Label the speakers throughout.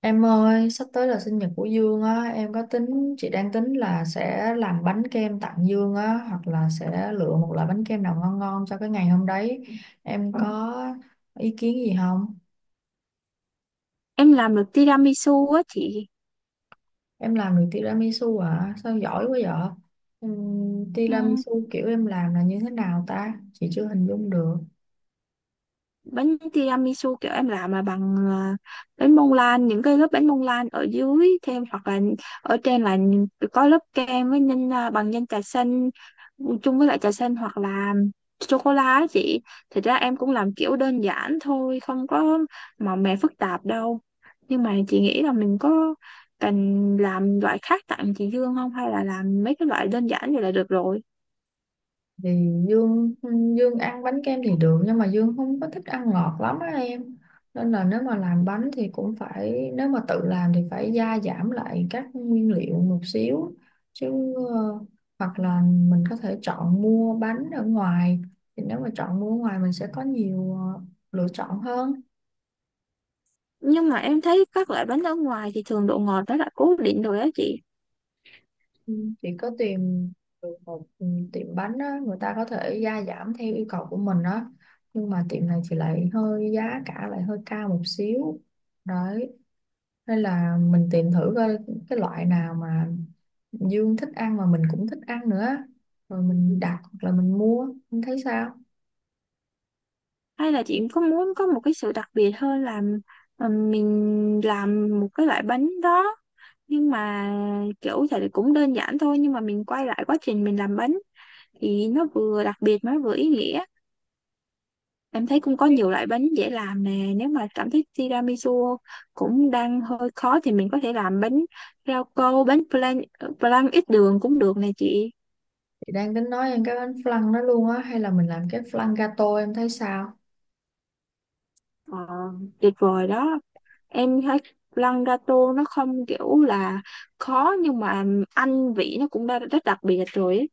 Speaker 1: Em ơi, sắp tới là sinh nhật của Dương á, em có tính, chị đang tính là sẽ làm bánh kem tặng Dương á, hoặc là sẽ lựa một loại bánh kem nào ngon ngon cho cái ngày hôm đấy. Em có ý kiến gì không?
Speaker 2: Em làm được tiramisu á chị.
Speaker 1: Em làm được tiramisu à? Sao giỏi quá vậy?
Speaker 2: Ừ,
Speaker 1: Tiramisu kiểu em làm là như thế nào ta? Chị chưa hình dung được.
Speaker 2: bánh tiramisu kiểu em làm là bằng bánh bông lan, những cái lớp bánh bông lan ở dưới, thêm hoặc là ở trên là có lớp kem với nhân bằng nhân trà xanh. Ừ, chung với lại trà xanh hoặc là sô cô la á chị. Thật ra em cũng làm kiểu đơn giản thôi, không có màu mè phức tạp đâu, nhưng mà chị nghĩ là mình có cần làm loại khác tặng chị Dương không, hay là làm mấy cái loại đơn giản vậy là được rồi?
Speaker 1: Thì Dương Dương ăn bánh kem thì được nhưng mà Dương không có thích ăn ngọt lắm á em, nên là nếu mà làm bánh thì cũng phải, nếu mà tự làm thì phải gia giảm lại các nguyên liệu một xíu, chứ ờ, hoặc là mình có thể chọn mua bánh ở ngoài. Thì nếu mà chọn mua ở ngoài mình sẽ có nhiều lựa chọn hơn.
Speaker 2: Nhưng mà em thấy các loại bánh ở ngoài thì thường độ ngọt nó đã cố định rồi á chị.
Speaker 1: Ừ, chị có tìm được một tiệm bánh á, người ta có thể gia giảm theo yêu cầu của mình á, nhưng mà tiệm này thì lại hơi giá cả lại hơi cao một xíu đấy, nên là mình tìm thử coi cái loại nào mà Dương thích ăn mà mình cũng thích ăn nữa, rồi mình đặt hoặc là mình mua, em thấy sao?
Speaker 2: Hay là chị có muốn có một cái sự đặc biệt hơn là mình làm một cái loại bánh đó, nhưng mà kiểu thì cũng đơn giản thôi, nhưng mà mình quay lại quá trình mình làm bánh thì nó vừa đặc biệt mà nó vừa ý nghĩa. Em thấy cũng có nhiều loại bánh dễ làm nè, nếu mà cảm thấy tiramisu cũng đang hơi khó thì mình có thể làm bánh rau câu, bánh flan, flan ít đường cũng được nè chị.
Speaker 1: Chị đang tính nói em cái bánh flan đó luôn á, hay là mình làm cái flan gato, em thấy sao?
Speaker 2: Ờ, tuyệt vời đó. Em thấy lăn gato nó không kiểu là khó, nhưng mà anh vị nó cũng đã rất đặc biệt rồi ấy.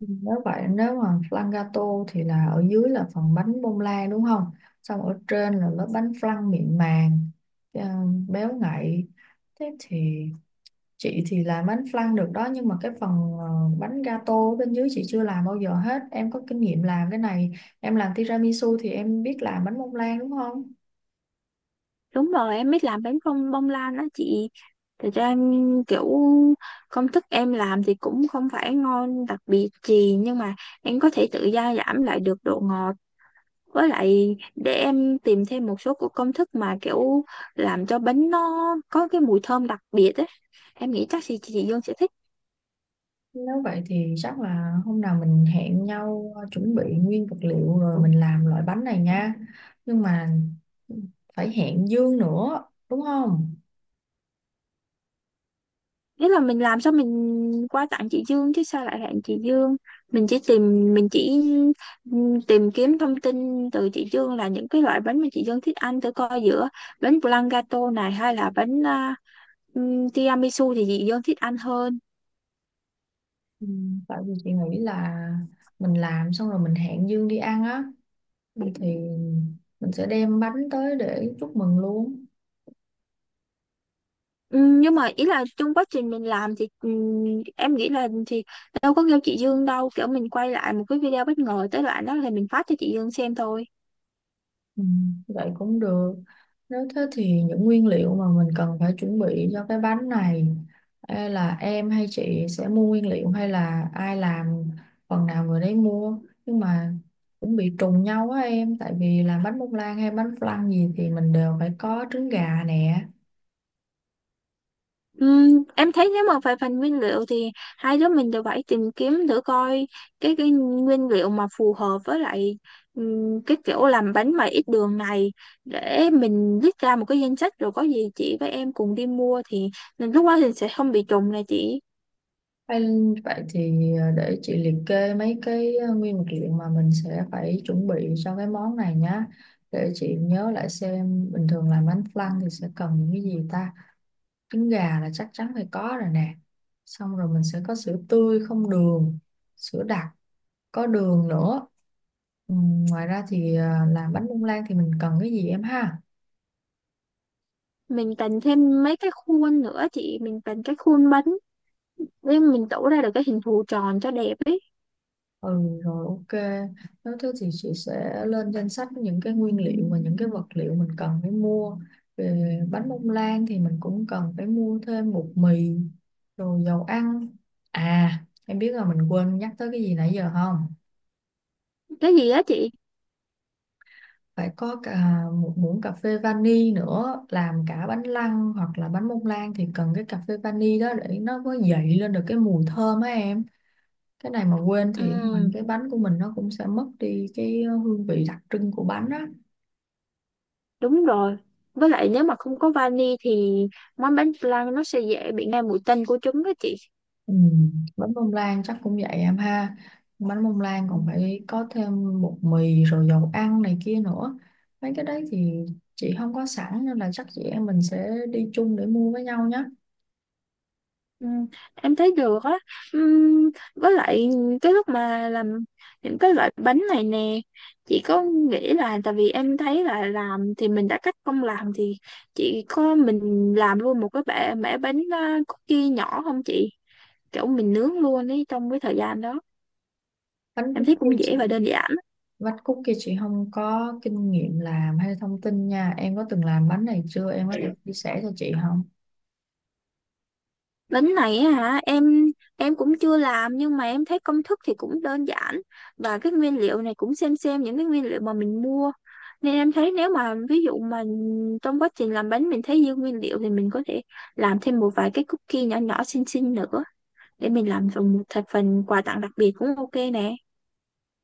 Speaker 1: Nếu vậy, nếu mà flan gato thì là ở dưới là phần bánh bông lan đúng không? Xong ở trên là lớp bánh flan mịn màng, ờ, béo ngậy. Thế thì chị thì làm bánh flan được đó, nhưng mà cái phần bánh gato ở bên dưới chị chưa làm bao giờ hết. Em có kinh nghiệm làm cái này, em làm tiramisu thì em biết làm bánh bông lan đúng không?
Speaker 2: Đúng rồi, em biết làm bánh không bông lan đó chị. Thật ra em kiểu công thức em làm thì cũng không phải ngon đặc biệt gì, nhưng mà em có thể tự gia giảm lại được độ ngọt, với lại để em tìm thêm một số của công thức mà kiểu làm cho bánh nó có cái mùi thơm đặc biệt ấy. Em nghĩ chắc chị Dương sẽ thích.
Speaker 1: Nếu vậy thì chắc là hôm nào mình hẹn nhau, chuẩn bị nguyên vật liệu rồi mình làm loại bánh này nha. Nhưng mà phải hẹn Dương nữa, đúng không?
Speaker 2: Ý là mình làm sao mình qua tặng chị Dương chứ sao lại hẹn chị Dương, mình chỉ tìm, mình chỉ tìm kiếm thông tin từ chị Dương là những cái loại bánh mà chị Dương thích ăn, thử coi giữa bánh blanc gato này hay là bánh tiramisu thì chị Dương thích ăn hơn.
Speaker 1: Ừ, tại vì chị nghĩ là mình làm xong rồi mình hẹn Dương đi ăn á, thì mình sẽ đem bánh tới để chúc mừng luôn.
Speaker 2: Nhưng mà ý là trong quá trình mình làm thì em nghĩ là thì đâu có kêu chị Dương đâu, kiểu mình quay lại một cái video, bất ngờ tới đoạn đó thì mình phát cho chị Dương xem thôi.
Speaker 1: Ừ, vậy cũng được. Nếu thế thì những nguyên liệu mà mình cần phải chuẩn bị cho cái bánh này, e là em hay chị sẽ mua nguyên liệu, hay là ai làm phần nào người đấy mua, nhưng mà cũng bị trùng nhau á em, tại vì làm bánh bông lan hay bánh flan gì thì mình đều phải có trứng gà nè.
Speaker 2: Em thấy nếu mà về phần nguyên liệu thì hai đứa mình đều phải tìm kiếm thử coi cái nguyên liệu mà phù hợp với lại cái kiểu làm bánh mà ít đường này, để mình viết ra một cái danh sách, rồi có gì chị với em cùng đi mua, thì mình lúc đó thì sẽ không bị trùng này chị.
Speaker 1: Hay, vậy thì để chị liệt kê mấy cái nguyên vật liệu mà mình sẽ phải chuẩn bị cho cái món này nhá. Để chị nhớ lại xem bình thường làm bánh flan thì sẽ cần những cái gì ta. Trứng gà là chắc chắn phải có rồi nè, xong rồi mình sẽ có sữa tươi không đường, sữa đặc có đường nữa. ừ, Ngoài ra thì làm bánh bông lan thì mình cần cái gì em ha?
Speaker 2: Mình cần thêm mấy cái khuôn nữa chị, mình cần cái khuôn bánh để mình tủ ra được cái hình thù tròn cho đẹp ấy.
Speaker 1: Ừ, rồi, ok. Nếu thế thì chị sẽ lên danh sách những cái nguyên liệu và những cái vật liệu mình cần phải mua. Về bánh bông lan thì mình cũng cần phải mua thêm bột mì, rồi dầu ăn. À, em biết là mình quên nhắc tới cái gì nãy giờ không?
Speaker 2: Cái gì á chị?
Speaker 1: Phải có cả một muỗng cà phê vani nữa, làm cả bánh lăng hoặc là bánh bông lan thì cần cái cà phê vani đó để nó có dậy lên được cái mùi thơm á em. Cái này mà quên thì ngoài
Speaker 2: Ừm.
Speaker 1: cái bánh của mình nó cũng sẽ mất đi cái hương vị đặc trưng của bánh á.
Speaker 2: Đúng rồi. Với lại nếu mà không có vani thì món bánh flan nó sẽ dễ bị ngay mùi tanh của trứng đó chị.
Speaker 1: Ừ. Bánh bông lan chắc cũng vậy em ha, bánh bông lan
Speaker 2: Ừ.
Speaker 1: còn phải có thêm bột mì rồi dầu ăn này kia nữa. Mấy cái đấy thì chị không có sẵn, nên là chắc chị em mình sẽ đi chung để mua với nhau nhé.
Speaker 2: Ừ, em thấy được á. Với lại cái lúc mà làm những cái loại bánh này nè, chị có nghĩ là, tại vì em thấy là làm thì mình đã cách công làm, thì chị có mình làm luôn một cái bẻ mẻ bánh cookie nhỏ không chị? Kiểu mình nướng luôn ấy trong cái thời gian đó.
Speaker 1: Bánh
Speaker 2: Em thấy
Speaker 1: cookie
Speaker 2: cũng
Speaker 1: chị?
Speaker 2: dễ và đơn giản.
Speaker 1: Vắt cúc kia chị không có kinh nghiệm làm hay thông tin nha. Em có từng làm bánh này chưa? Em có thể chia sẻ cho chị không?
Speaker 2: Bánh này á hả em cũng chưa làm, nhưng mà em thấy công thức thì cũng đơn giản, và cái nguyên liệu này cũng xem những cái nguyên liệu mà mình mua, nên em thấy nếu mà ví dụ mà trong quá trình làm bánh mình thấy dư nguyên liệu thì mình có thể làm thêm một vài cái cookie nhỏ nhỏ xinh xinh nữa, để mình làm thành một thành phần quà tặng đặc biệt cũng ok nè.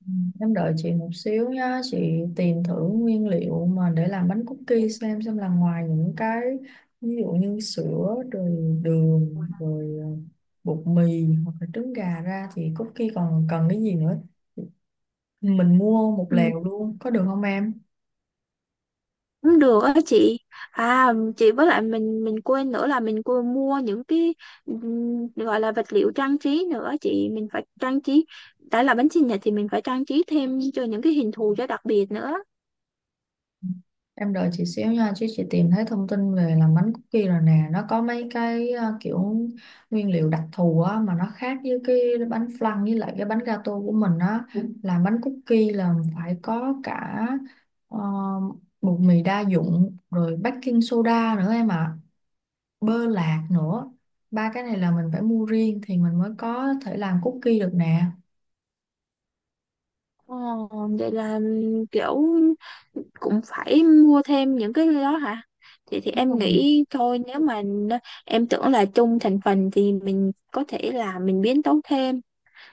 Speaker 1: Ừ, em đợi chị một xíu nhá. Chị tìm thử nguyên liệu mà để làm bánh cookie, xem là ngoài những cái ví dụ như sữa rồi đường rồi bột mì hoặc là trứng gà ra thì cookie còn cần cái gì nữa. Mình mua một
Speaker 2: Ừ,
Speaker 1: lèo luôn có được không em?
Speaker 2: cũng được á chị. À chị, với lại mình quên nữa, là mình quên mua những cái gọi là vật liệu trang trí nữa chị, mình phải trang trí, đã là bánh sinh nhật thì mình phải trang trí thêm cho những cái hình thù cho đặc biệt nữa.
Speaker 1: Em đợi chị xíu nha, chứ chị tìm thấy thông tin về làm bánh cookie rồi nè, nó có mấy cái kiểu nguyên liệu đặc thù á mà nó khác với cái bánh flan với lại cái bánh gato của mình á. Ừ. Làm bánh cookie là phải có cả ờ, bột mì đa dụng rồi baking soda nữa em ạ, bơ lạc nữa. Ba cái này là mình phải mua riêng thì mình mới có thể làm cookie được nè.
Speaker 2: Ờ, vậy là kiểu cũng phải mua thêm những cái đó hả? Thì
Speaker 1: Đúng rồi.
Speaker 2: em nghĩ thôi, nếu mà em tưởng là chung thành phần thì mình có thể là mình biến tấu thêm.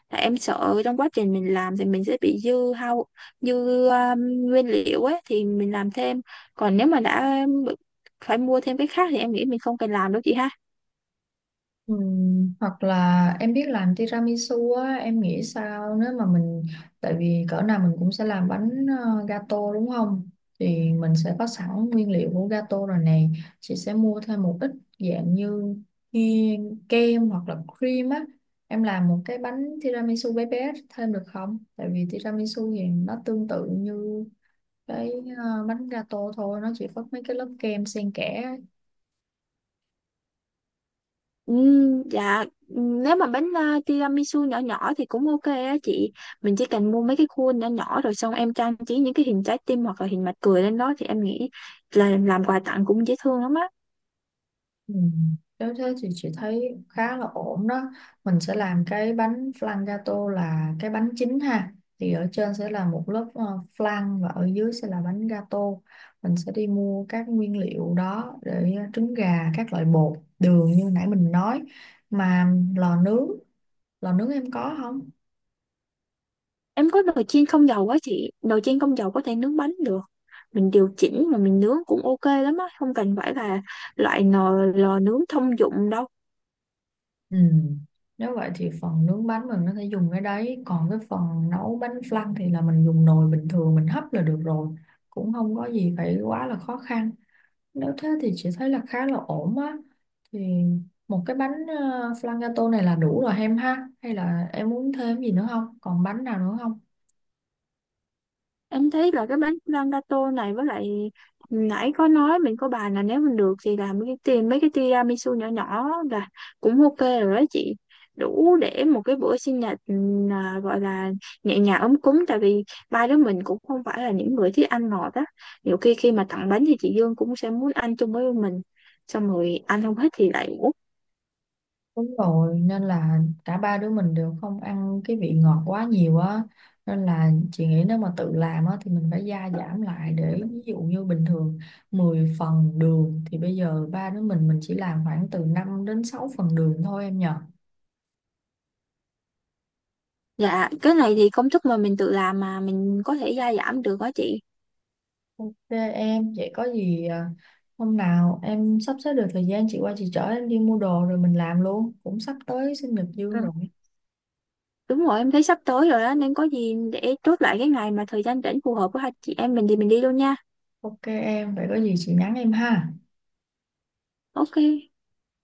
Speaker 2: Tại em sợ trong quá trình mình làm thì mình sẽ bị dư hao, dư um, nguyên liệu ấy thì mình làm thêm. Còn nếu mà phải mua thêm cái khác thì em nghĩ mình không cần làm đâu chị ha.
Speaker 1: Hoặc là em biết làm tiramisu á, em nghĩ sao nếu mà mình, tại vì cỡ nào mình cũng sẽ làm bánh gato đúng không, thì mình sẽ có sẵn nguyên liệu của gato rồi này, chị sẽ mua thêm một ít dạng như kia- kem hoặc là cream á, em làm một cái bánh tiramisu bé bé thêm được không, tại vì tiramisu thì nó tương tự như cái bánh gato thôi, nó chỉ có mấy cái lớp kem xen kẽ.
Speaker 2: Dạ, nếu mà bánh tiramisu nhỏ nhỏ thì cũng ok á chị. Mình chỉ cần mua mấy cái khuôn nhỏ nhỏ rồi xong em trang trí những cái hình trái tim hoặc là hình mặt cười lên đó, thì em nghĩ là làm quà tặng cũng dễ thương lắm á.
Speaker 1: Ừ. Nếu thế thì chị thấy khá là ổn đó. Mình sẽ làm cái bánh flan gato là cái bánh chính ha. Thì ở trên sẽ là một lớp flan và ở dưới sẽ là bánh gato. Mình sẽ đi mua các nguyên liệu đó để trứng gà, các loại bột, đường như nãy mình nói. Mà lò nướng em có không?
Speaker 2: Em có nồi chiên không dầu á chị. Nồi chiên không dầu có thể nướng bánh được. Mình điều chỉnh mà mình nướng cũng ok lắm á. Không cần phải là loại nồi lò nướng thông dụng đâu.
Speaker 1: Ừ. Nếu vậy thì phần nướng bánh mình có thể dùng cái đấy. Còn cái phần nấu bánh flan thì là mình dùng nồi bình thường mình hấp là được rồi. Cũng không có gì phải quá là khó khăn. Nếu thế thì chị thấy là khá là ổn á. Thì một cái bánh flan gato này là đủ rồi em ha. Hay là em muốn thêm gì nữa không? Còn bánh nào nữa không?
Speaker 2: Em thấy là cái bánh flan gato này, với lại nãy có nói mình có bàn là nếu mình được thì làm cái, tìm mấy cái tiramisu nhỏ nhỏ là cũng ok rồi đó chị, đủ để một cái bữa sinh nhật gọi là nhẹ nhàng ấm cúng, tại vì ba đứa mình cũng không phải là những người thích ăn ngọt á, nhiều khi khi mà tặng bánh thì chị Dương cũng sẽ muốn ăn chung với mình, xong rồi ăn không hết thì lại uống.
Speaker 1: Đúng rồi, nên là cả ba đứa mình đều không ăn cái vị ngọt quá nhiều á. Nên là chị nghĩ nếu mà tự làm á thì mình phải gia giảm lại, để ví dụ như bình thường 10 phần đường thì bây giờ ba đứa mình chỉ làm khoảng từ 5 đến 6 phần đường thôi em nhờ.
Speaker 2: Dạ, cái này thì công thức mà mình tự làm mà mình có thể gia giảm được đó chị.
Speaker 1: Ok em, vậy có gì hôm nào em sắp xếp được thời gian chị qua chị chở em đi mua đồ rồi mình làm luôn. Cũng sắp tới sinh nhật Dương rồi.
Speaker 2: Đúng rồi, em thấy sắp tới rồi đó, nên có gì để chốt lại cái ngày mà thời gian rảnh phù hợp của hai chị em mình thì mình đi luôn nha.
Speaker 1: Ok em, vậy có gì chị nhắn em ha.
Speaker 2: Ok.